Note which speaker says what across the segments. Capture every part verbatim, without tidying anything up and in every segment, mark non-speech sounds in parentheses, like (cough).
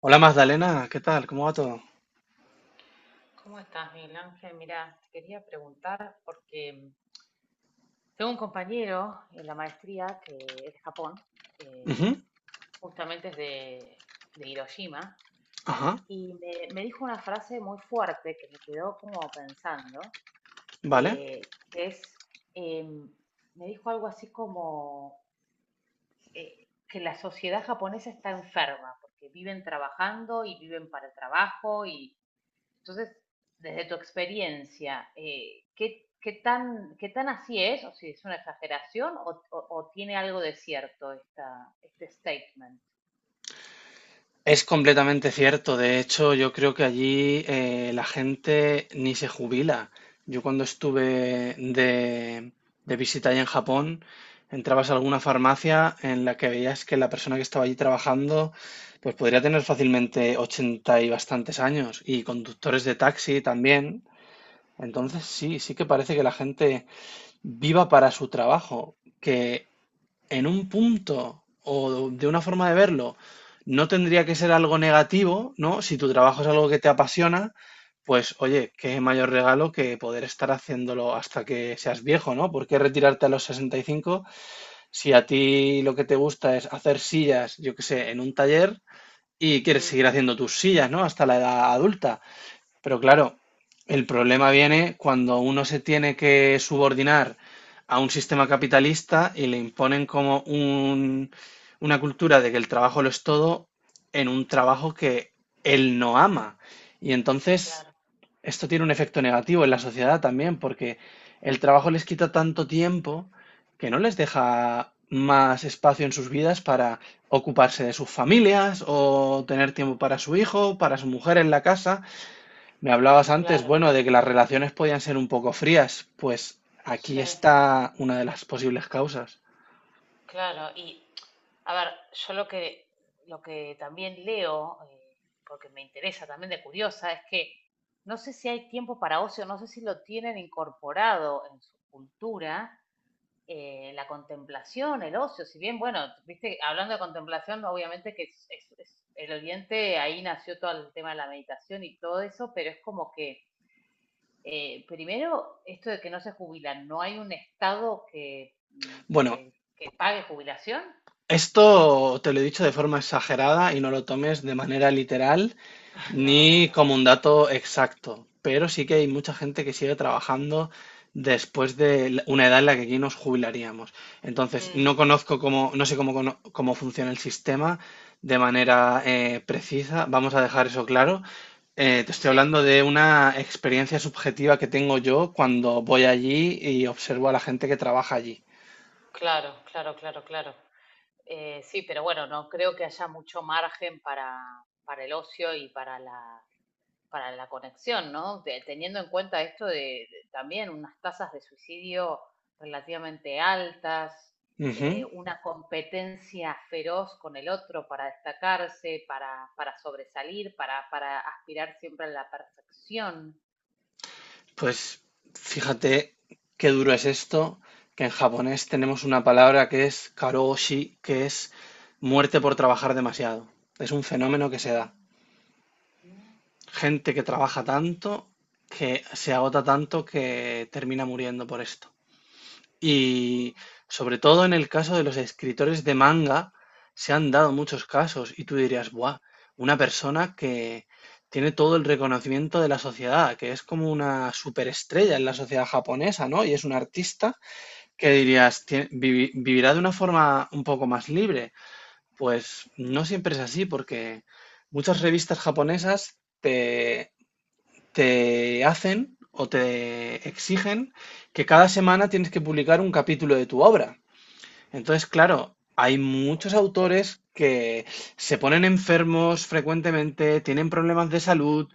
Speaker 1: Hola Magdalena, ¿qué tal? ¿Cómo va todo?
Speaker 2: ¿Cómo estás, Miguel Ángel? Mira, te quería preguntar porque mm, tengo un compañero en la maestría que es de Japón, eh,
Speaker 1: Ujú,
Speaker 2: justamente es de, de Hiroshima,
Speaker 1: ajá,
Speaker 2: y me, me dijo una frase muy fuerte que me quedó como pensando,
Speaker 1: vale.
Speaker 2: eh, que es, em, me dijo algo así como eh, que la sociedad japonesa está enferma, porque viven trabajando y viven para el trabajo y Entonces, desde tu experiencia, eh, ¿qué, qué, tan, ¿qué tan así es? ¿O si es una exageración o, o, o tiene algo de cierto esta, este statement?
Speaker 1: Es completamente cierto. De hecho, yo creo que allí eh, la gente ni se jubila. Yo cuando estuve de, de visita allá en Japón, entrabas a alguna farmacia en la que veías que la persona que estaba allí trabajando, pues podría tener fácilmente ochenta y bastantes años, y conductores de taxi también.
Speaker 2: Mm,
Speaker 1: Entonces sí, sí que parece que la gente viva para su trabajo, que en un punto o de una forma de verlo, no tendría que ser algo negativo, ¿no? Si tu trabajo es algo que te apasiona, pues oye, qué mayor regalo que poder estar haciéndolo hasta que seas viejo, ¿no? ¿Por qué retirarte a los sesenta y cinco si a ti lo que te gusta es hacer sillas, yo qué sé, en un taller y quieres seguir haciendo tus sillas? ¿No? Hasta la edad adulta. Pero claro, el problema viene cuando uno se tiene que subordinar a un sistema capitalista y le imponen como un- una cultura de que el trabajo lo es todo, en un trabajo que él no ama. Y entonces
Speaker 2: claro,
Speaker 1: esto tiene un efecto negativo en la sociedad también, porque el trabajo les quita tanto tiempo que no les deja más espacio en sus vidas para ocuparse de sus familias o tener tiempo para su hijo, para su mujer en la casa. Me hablabas antes,
Speaker 2: claro,
Speaker 1: bueno, de que las relaciones podían ser un poco frías. Pues aquí
Speaker 2: sí,
Speaker 1: está una de las posibles causas.
Speaker 2: claro. Y, a ver, yo lo que, lo que también leo, eh, porque me interesa también de curiosa, es que no sé si hay tiempo para ocio, no sé si lo tienen incorporado en su cultura, eh, la contemplación, el ocio, si bien, bueno, viste, hablando de contemplación, obviamente que es, es- es- el Oriente, ahí nació todo el tema de la meditación y todo eso, pero es como que, eh, primero, esto de que no se jubilan, no hay un Estado que, mm,
Speaker 1: Bueno,
Speaker 2: que, que pague jubilación.
Speaker 1: esto te lo he dicho de forma exagerada y no lo tomes de manera literal
Speaker 2: (laughs) No, no,
Speaker 1: ni
Speaker 2: no.
Speaker 1: como un dato exacto, pero sí que hay mucha gente que sigue trabajando después de la- una edad en la que aquí nos jubilaríamos. Entonces,
Speaker 2: Mm,
Speaker 1: no conozco cómo, no sé cómo, cono- cómo funciona el sistema de manera eh, precisa, vamos a dejar eso claro. Eh, te
Speaker 2: no
Speaker 1: estoy
Speaker 2: sé,
Speaker 1: hablando de una experiencia subjetiva que tengo yo cuando voy allí y observo a la gente que trabaja allí.
Speaker 2: claro, claro, claro, claro. Eh, sí, pero bueno, no creo que haya mucho margen para, para el ocio y para la, para la conexión, ¿no? De- teniendo en cuenta esto de, de también unas tasas de suicidio relativamente altas, eh,
Speaker 1: Ujú.
Speaker 2: una competencia feroz con el otro para destacarse, para, para sobresalir, para, para aspirar siempre a la perfección.
Speaker 1: Pues fíjate qué duro es esto, que en japonés tenemos una palabra que es karoshi, que es muerte por trabajar demasiado. Es un fenómeno que se da. Gente que trabaja tanto, que se agota tanto, que termina muriendo por esto. Y sobre todo en el caso de los escritores de manga, se han dado muchos casos y tú dirías, ¡buah! Una persona que tiene todo el reconocimiento de la sociedad, que es como una superestrella en la sociedad japonesa, ¿no? Y es un artista que dirías: "Tie- vivi- vivirá de una forma un poco más libre". Pues no siempre es así, porque muchas revistas japonesas te hacen o te exigen que cada semana tienes que publicar un capítulo de tu obra. Entonces, claro, hay muchos autores que se ponen enfermos frecuentemente, tienen problemas de salud,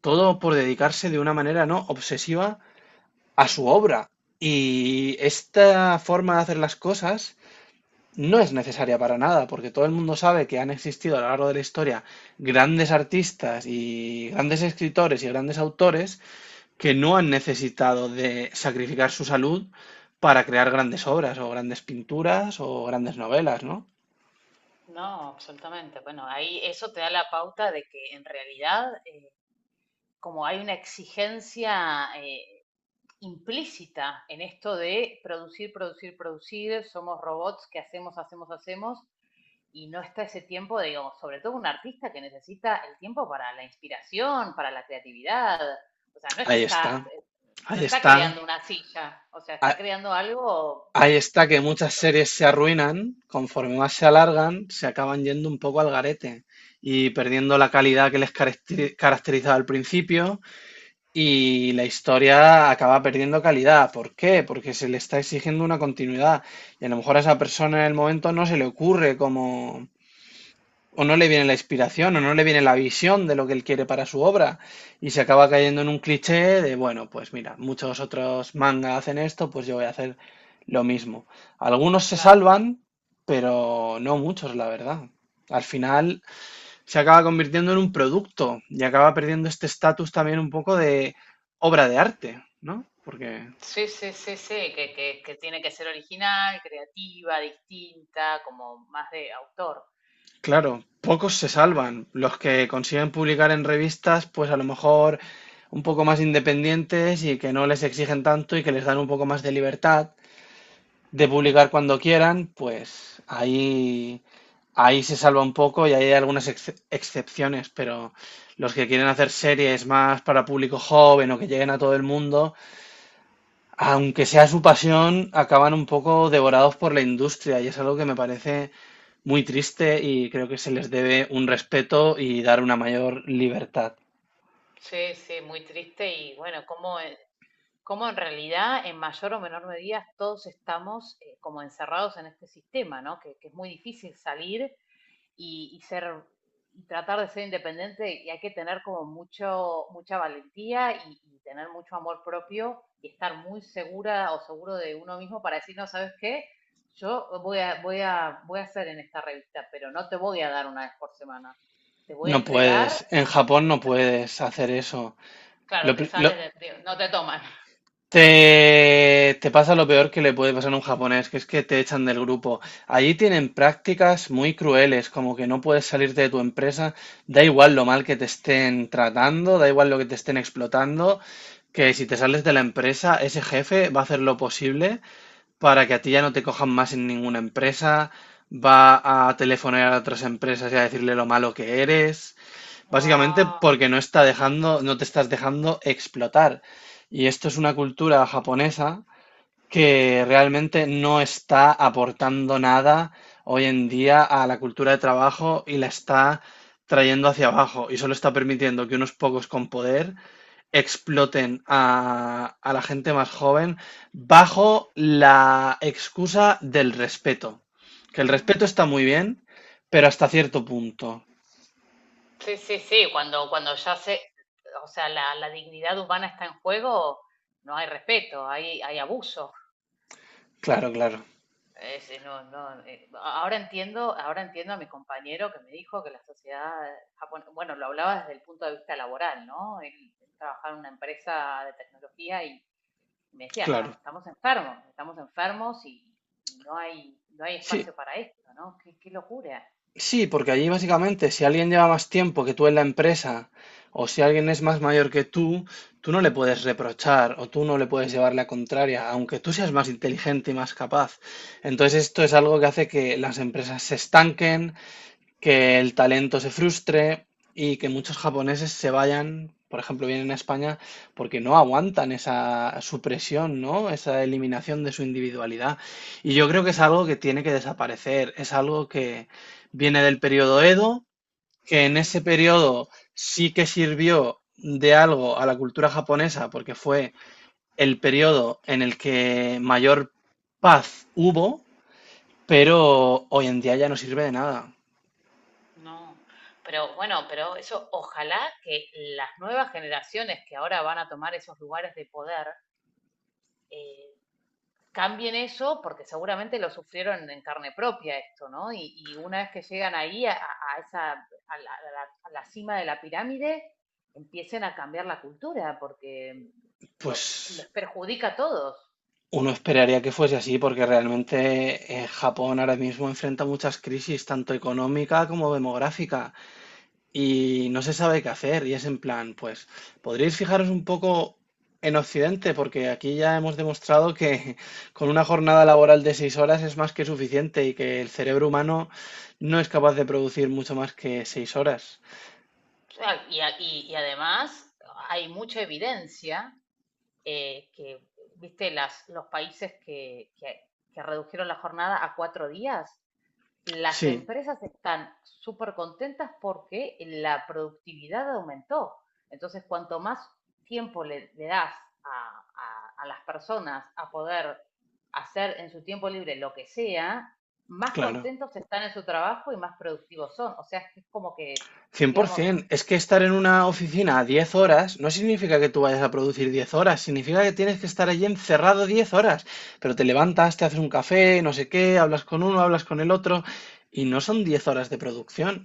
Speaker 1: todo por dedicarse de una manera no obsesiva a su obra. Y esta forma de hacer las cosas no es necesaria para nada, porque todo el mundo sabe que han existido a lo largo de la historia grandes artistas y grandes escritores y grandes autores que no han necesitado de sacrificar su salud para crear grandes obras o grandes pinturas o grandes novelas, ¿no?
Speaker 2: No, absolutamente. Bueno, ahí eso te da la pauta de que en realidad, eh, como hay una exigencia eh, implícita en esto de producir, producir, producir, somos robots que hacemos, hacemos, hacemos, y no está ese tiempo, de, digamos, sobre todo un artista que necesita el tiempo para la inspiración, para la creatividad. O sea, no es que
Speaker 1: Ahí
Speaker 2: está,
Speaker 1: está,
Speaker 2: no
Speaker 1: ahí
Speaker 2: está
Speaker 1: está.
Speaker 2: creando una silla, o sea, está
Speaker 1: a-
Speaker 2: creando algo
Speaker 1: Ahí está que muchas
Speaker 2: distinto.
Speaker 1: series se arruinan, conforme más se alargan, se acaban yendo un poco al garete y perdiendo la calidad que les caracteri- caracterizaba al principio, y la historia acaba perdiendo calidad. ¿Por qué? Porque se le está exigiendo una continuidad y a lo mejor a esa persona en el momento no se le ocurre cómo, o no le viene la inspiración o no le viene la visión de lo que él quiere para su obra, y se acaba cayendo en un cliché de, bueno, pues mira, muchos otros manga hacen esto, pues yo voy a hacer lo mismo. Algunos se
Speaker 2: Claro.
Speaker 1: salvan, pero no muchos, la verdad. Al final se acaba convirtiendo en un producto y acaba perdiendo este estatus también un poco de obra de arte, ¿no? Porque
Speaker 2: Sí, sí, sí, sí, que, que, que tiene que ser original, creativa, distinta, como más de autor.
Speaker 1: claro, pocos se salvan. Los que consiguen publicar en revistas, pues a lo mejor un poco más independientes y que no les exigen tanto y que les dan un poco más de libertad de publicar cuando quieran, pues ahí, ahí se salva un poco y ahí hay algunas ex- excepciones, pero los que quieren hacer series más para público joven o que lleguen a todo el mundo, aunque sea su pasión, acaban un poco devorados por la industria y es algo que me parece muy triste, y creo que se les debe un respeto y dar una mayor libertad.
Speaker 2: Sí, sí, muy triste y bueno, como cómo en realidad, en mayor o menor medida, todos estamos eh, como encerrados en este sistema, ¿no? Que, que es muy difícil salir y, y ser y tratar de ser independiente y hay que tener como mucho, mucha valentía y, y tener mucho amor propio y estar muy segura o seguro de uno mismo para decir, no, ¿sabes qué? Yo voy a, voy a, voy a hacer en esta revista, pero no te voy a dar una vez por semana. Te voy a
Speaker 1: No
Speaker 2: entregar,
Speaker 1: puedes, en Japón
Speaker 2: eh,
Speaker 1: no
Speaker 2: cla-
Speaker 1: puedes hacer eso.
Speaker 2: claro,
Speaker 1: Lo
Speaker 2: te
Speaker 1: pri- lo-
Speaker 2: sales de, de- no te toman.
Speaker 1: te, te pasa lo peor que le puede pasar a un japonés, que es que te echan del grupo. Allí tienen prácticas muy crueles, como que no puedes salirte de tu empresa, da igual lo mal que te estén tratando, da igual lo que te estén explotando, que si te sales de la empresa, ese jefe va a hacer lo posible para que a ti ya no te cojan más en ninguna empresa, va a telefonear a otras empresas y a decirle lo malo que eres, básicamente
Speaker 2: Wow.
Speaker 1: porque no está dejando, no te estás dejando explotar. Y esto es una cultura japonesa que realmente no está aportando nada hoy en día a la cultura de trabajo, y la está trayendo hacia abajo, y solo está permitiendo que unos pocos con poder exploten a, a la gente más joven bajo la excusa del respeto. Que el respeto está muy bien, pero hasta cierto punto.
Speaker 2: Sí, sí, sí, cuando, cuando ya se, o sea, la, la dignidad humana está en juego, no hay respeto, hay, hay abuso.
Speaker 1: Claro, claro,
Speaker 2: Eh, es- no, no, eh, ahora entiendo, ahora entiendo a mi compañero que me dijo que la sociedad japonesa, bueno, bueno, lo hablaba desde el punto de vista laboral, ¿no? Él, él trabajaba en una empresa de tecnología y me decía,
Speaker 1: claro.
Speaker 2: "Estam- estamos enfermos, estamos enfermos y, y no hay, no hay
Speaker 1: Sí,
Speaker 2: espacio para esto, ¿no? Qué, qué locura.
Speaker 1: sí, porque allí básicamente si alguien lleva más tiempo que tú en la empresa o si alguien es más mayor que tú, tú no le puedes reprochar o tú no le puedes llevar la contraria, aunque tú seas más inteligente y más capaz. Entonces esto es algo que hace que las empresas se estanquen, que el talento se frustre y que muchos
Speaker 2: Mm,
Speaker 1: japoneses se vayan, por ejemplo, vienen a España porque no aguantan esa supresión, ¿no? Esa eliminación de su individualidad. Y yo creo que es algo que tiene que desaparecer, es algo que viene del periodo Edo, que en
Speaker 2: mm,
Speaker 1: ese periodo sí que sirvió de algo a la cultura japonesa porque fue el periodo en el que mayor paz hubo,
Speaker 2: mm.
Speaker 1: pero hoy en día ya no sirve de nada.
Speaker 2: No, pero bueno, pero eso ojalá que las nuevas generaciones que ahora van a tomar esos lugares de poder eh, cambien eso, porque seguramente lo sufrieron en carne propia esto, ¿no? Y, y una vez que llegan ahí a, a esa a la, a la- a la cima de la pirámide, empiecen a cambiar la cultura, porque digo,
Speaker 1: Pues
Speaker 2: les perjudica a todos.
Speaker 1: uno esperaría que fuese así, porque realmente eh, Japón ahora mismo enfrenta muchas crisis, tanto económica como demográfica, y no se sabe qué hacer. Y es en plan, pues, podríais fijaros un poco en Occidente, porque aquí ya hemos demostrado que (laughs) con una jornada laboral de seis horas es más que suficiente y que el cerebro humano no es capaz de producir mucho más que seis horas.
Speaker 2: O sea, y, a- y y además hay mucha evidencia eh, que, viste, las, los países que, que, que redujeron la jornada a cuatro días, las
Speaker 1: Sí,
Speaker 2: empresas están súper contentas porque la productividad aumentó. Entonces, cuanto más tiempo le, le das a, a, a las personas a poder hacer en su tiempo libre lo que sea, más
Speaker 1: claro.
Speaker 2: contentos están en su trabajo y más productivos son. O sea, es como que, digamos...
Speaker 1: cien por ciento. Es que estar en una oficina diez horas no significa que tú vayas a producir diez horas, significa que tienes que estar allí encerrado diez horas. Pero te levantas, te haces un café, no sé qué, hablas con uno, hablas con el otro, y no son diez horas de producción.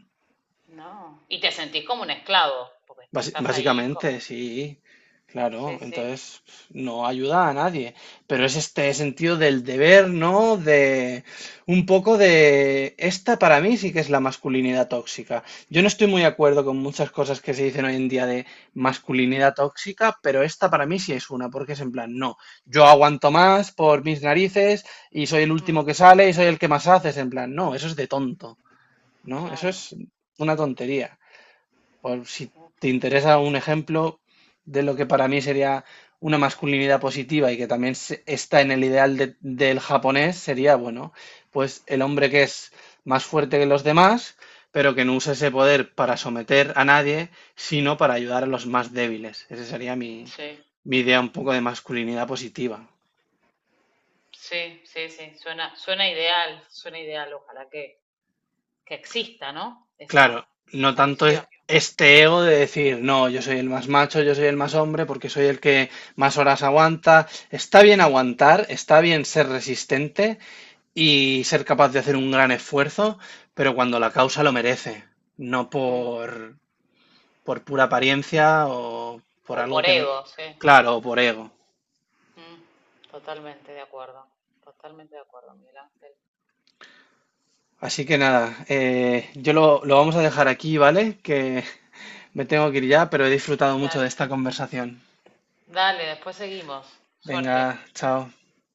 Speaker 2: No. Y te sentís como un esclavo, porque te
Speaker 1: Basi-
Speaker 2: estás ahí
Speaker 1: Básicamente,
Speaker 2: como...
Speaker 1: sí, claro,
Speaker 2: Sí, sí.
Speaker 1: entonces no ayuda a nadie, pero es este sentido del deber, ¿no? De un poco de esta, para mí sí que es la masculinidad tóxica. Yo no estoy muy de acuerdo con muchas cosas que se dicen hoy en día de masculinidad tóxica, pero esta para mí sí es una, porque es en plan, no, yo aguanto más por mis narices y soy el
Speaker 2: Mm,
Speaker 1: último que sale y soy el que más hace; es en plan, no, eso es de tonto, ¿no? Eso
Speaker 2: claro.
Speaker 1: es una tontería. Por si
Speaker 2: Mm,
Speaker 1: te interesa un ejemplo de lo que para mí sería una masculinidad positiva y que también se- está en el ideal de- del japonés, sería, bueno, pues el hombre que es más fuerte que los demás, pero que no usa ese poder para someter a nadie, sino para ayudar a los más débiles. Esa sería mi,
Speaker 2: sí,
Speaker 1: mi idea un poco de masculinidad positiva.
Speaker 2: sí, sí, sí, suena, suena ideal, suena ideal, ojalá que, que exista, ¿no?
Speaker 1: Claro,
Speaker 2: Esa,
Speaker 1: no
Speaker 2: esa
Speaker 1: tanto
Speaker 2: visión.
Speaker 1: e- este ego de decir, no, yo soy el más macho, yo soy el más hombre, porque soy el que más horas aguanta. Está bien aguantar, está bien ser resistente y ser capaz de hacer un gran esfuerzo, pero cuando la causa lo merece, no
Speaker 2: Mm.
Speaker 1: por, por pura apariencia o por
Speaker 2: O
Speaker 1: algo
Speaker 2: por
Speaker 1: que no...
Speaker 2: ego, sí.
Speaker 1: Claro, o por ego.
Speaker 2: Mm, totalmente de acuerdo, totalmente de acuerdo, Miguel Ángel.
Speaker 1: Así que nada, eh, yo lo, lo vamos a dejar aquí, ¿vale? Que me tengo que ir ya, pero he disfrutado mucho de
Speaker 2: Dale,
Speaker 1: esta conversación.
Speaker 2: dale, después seguimos.
Speaker 1: Venga,
Speaker 2: Suerte.
Speaker 1: chao.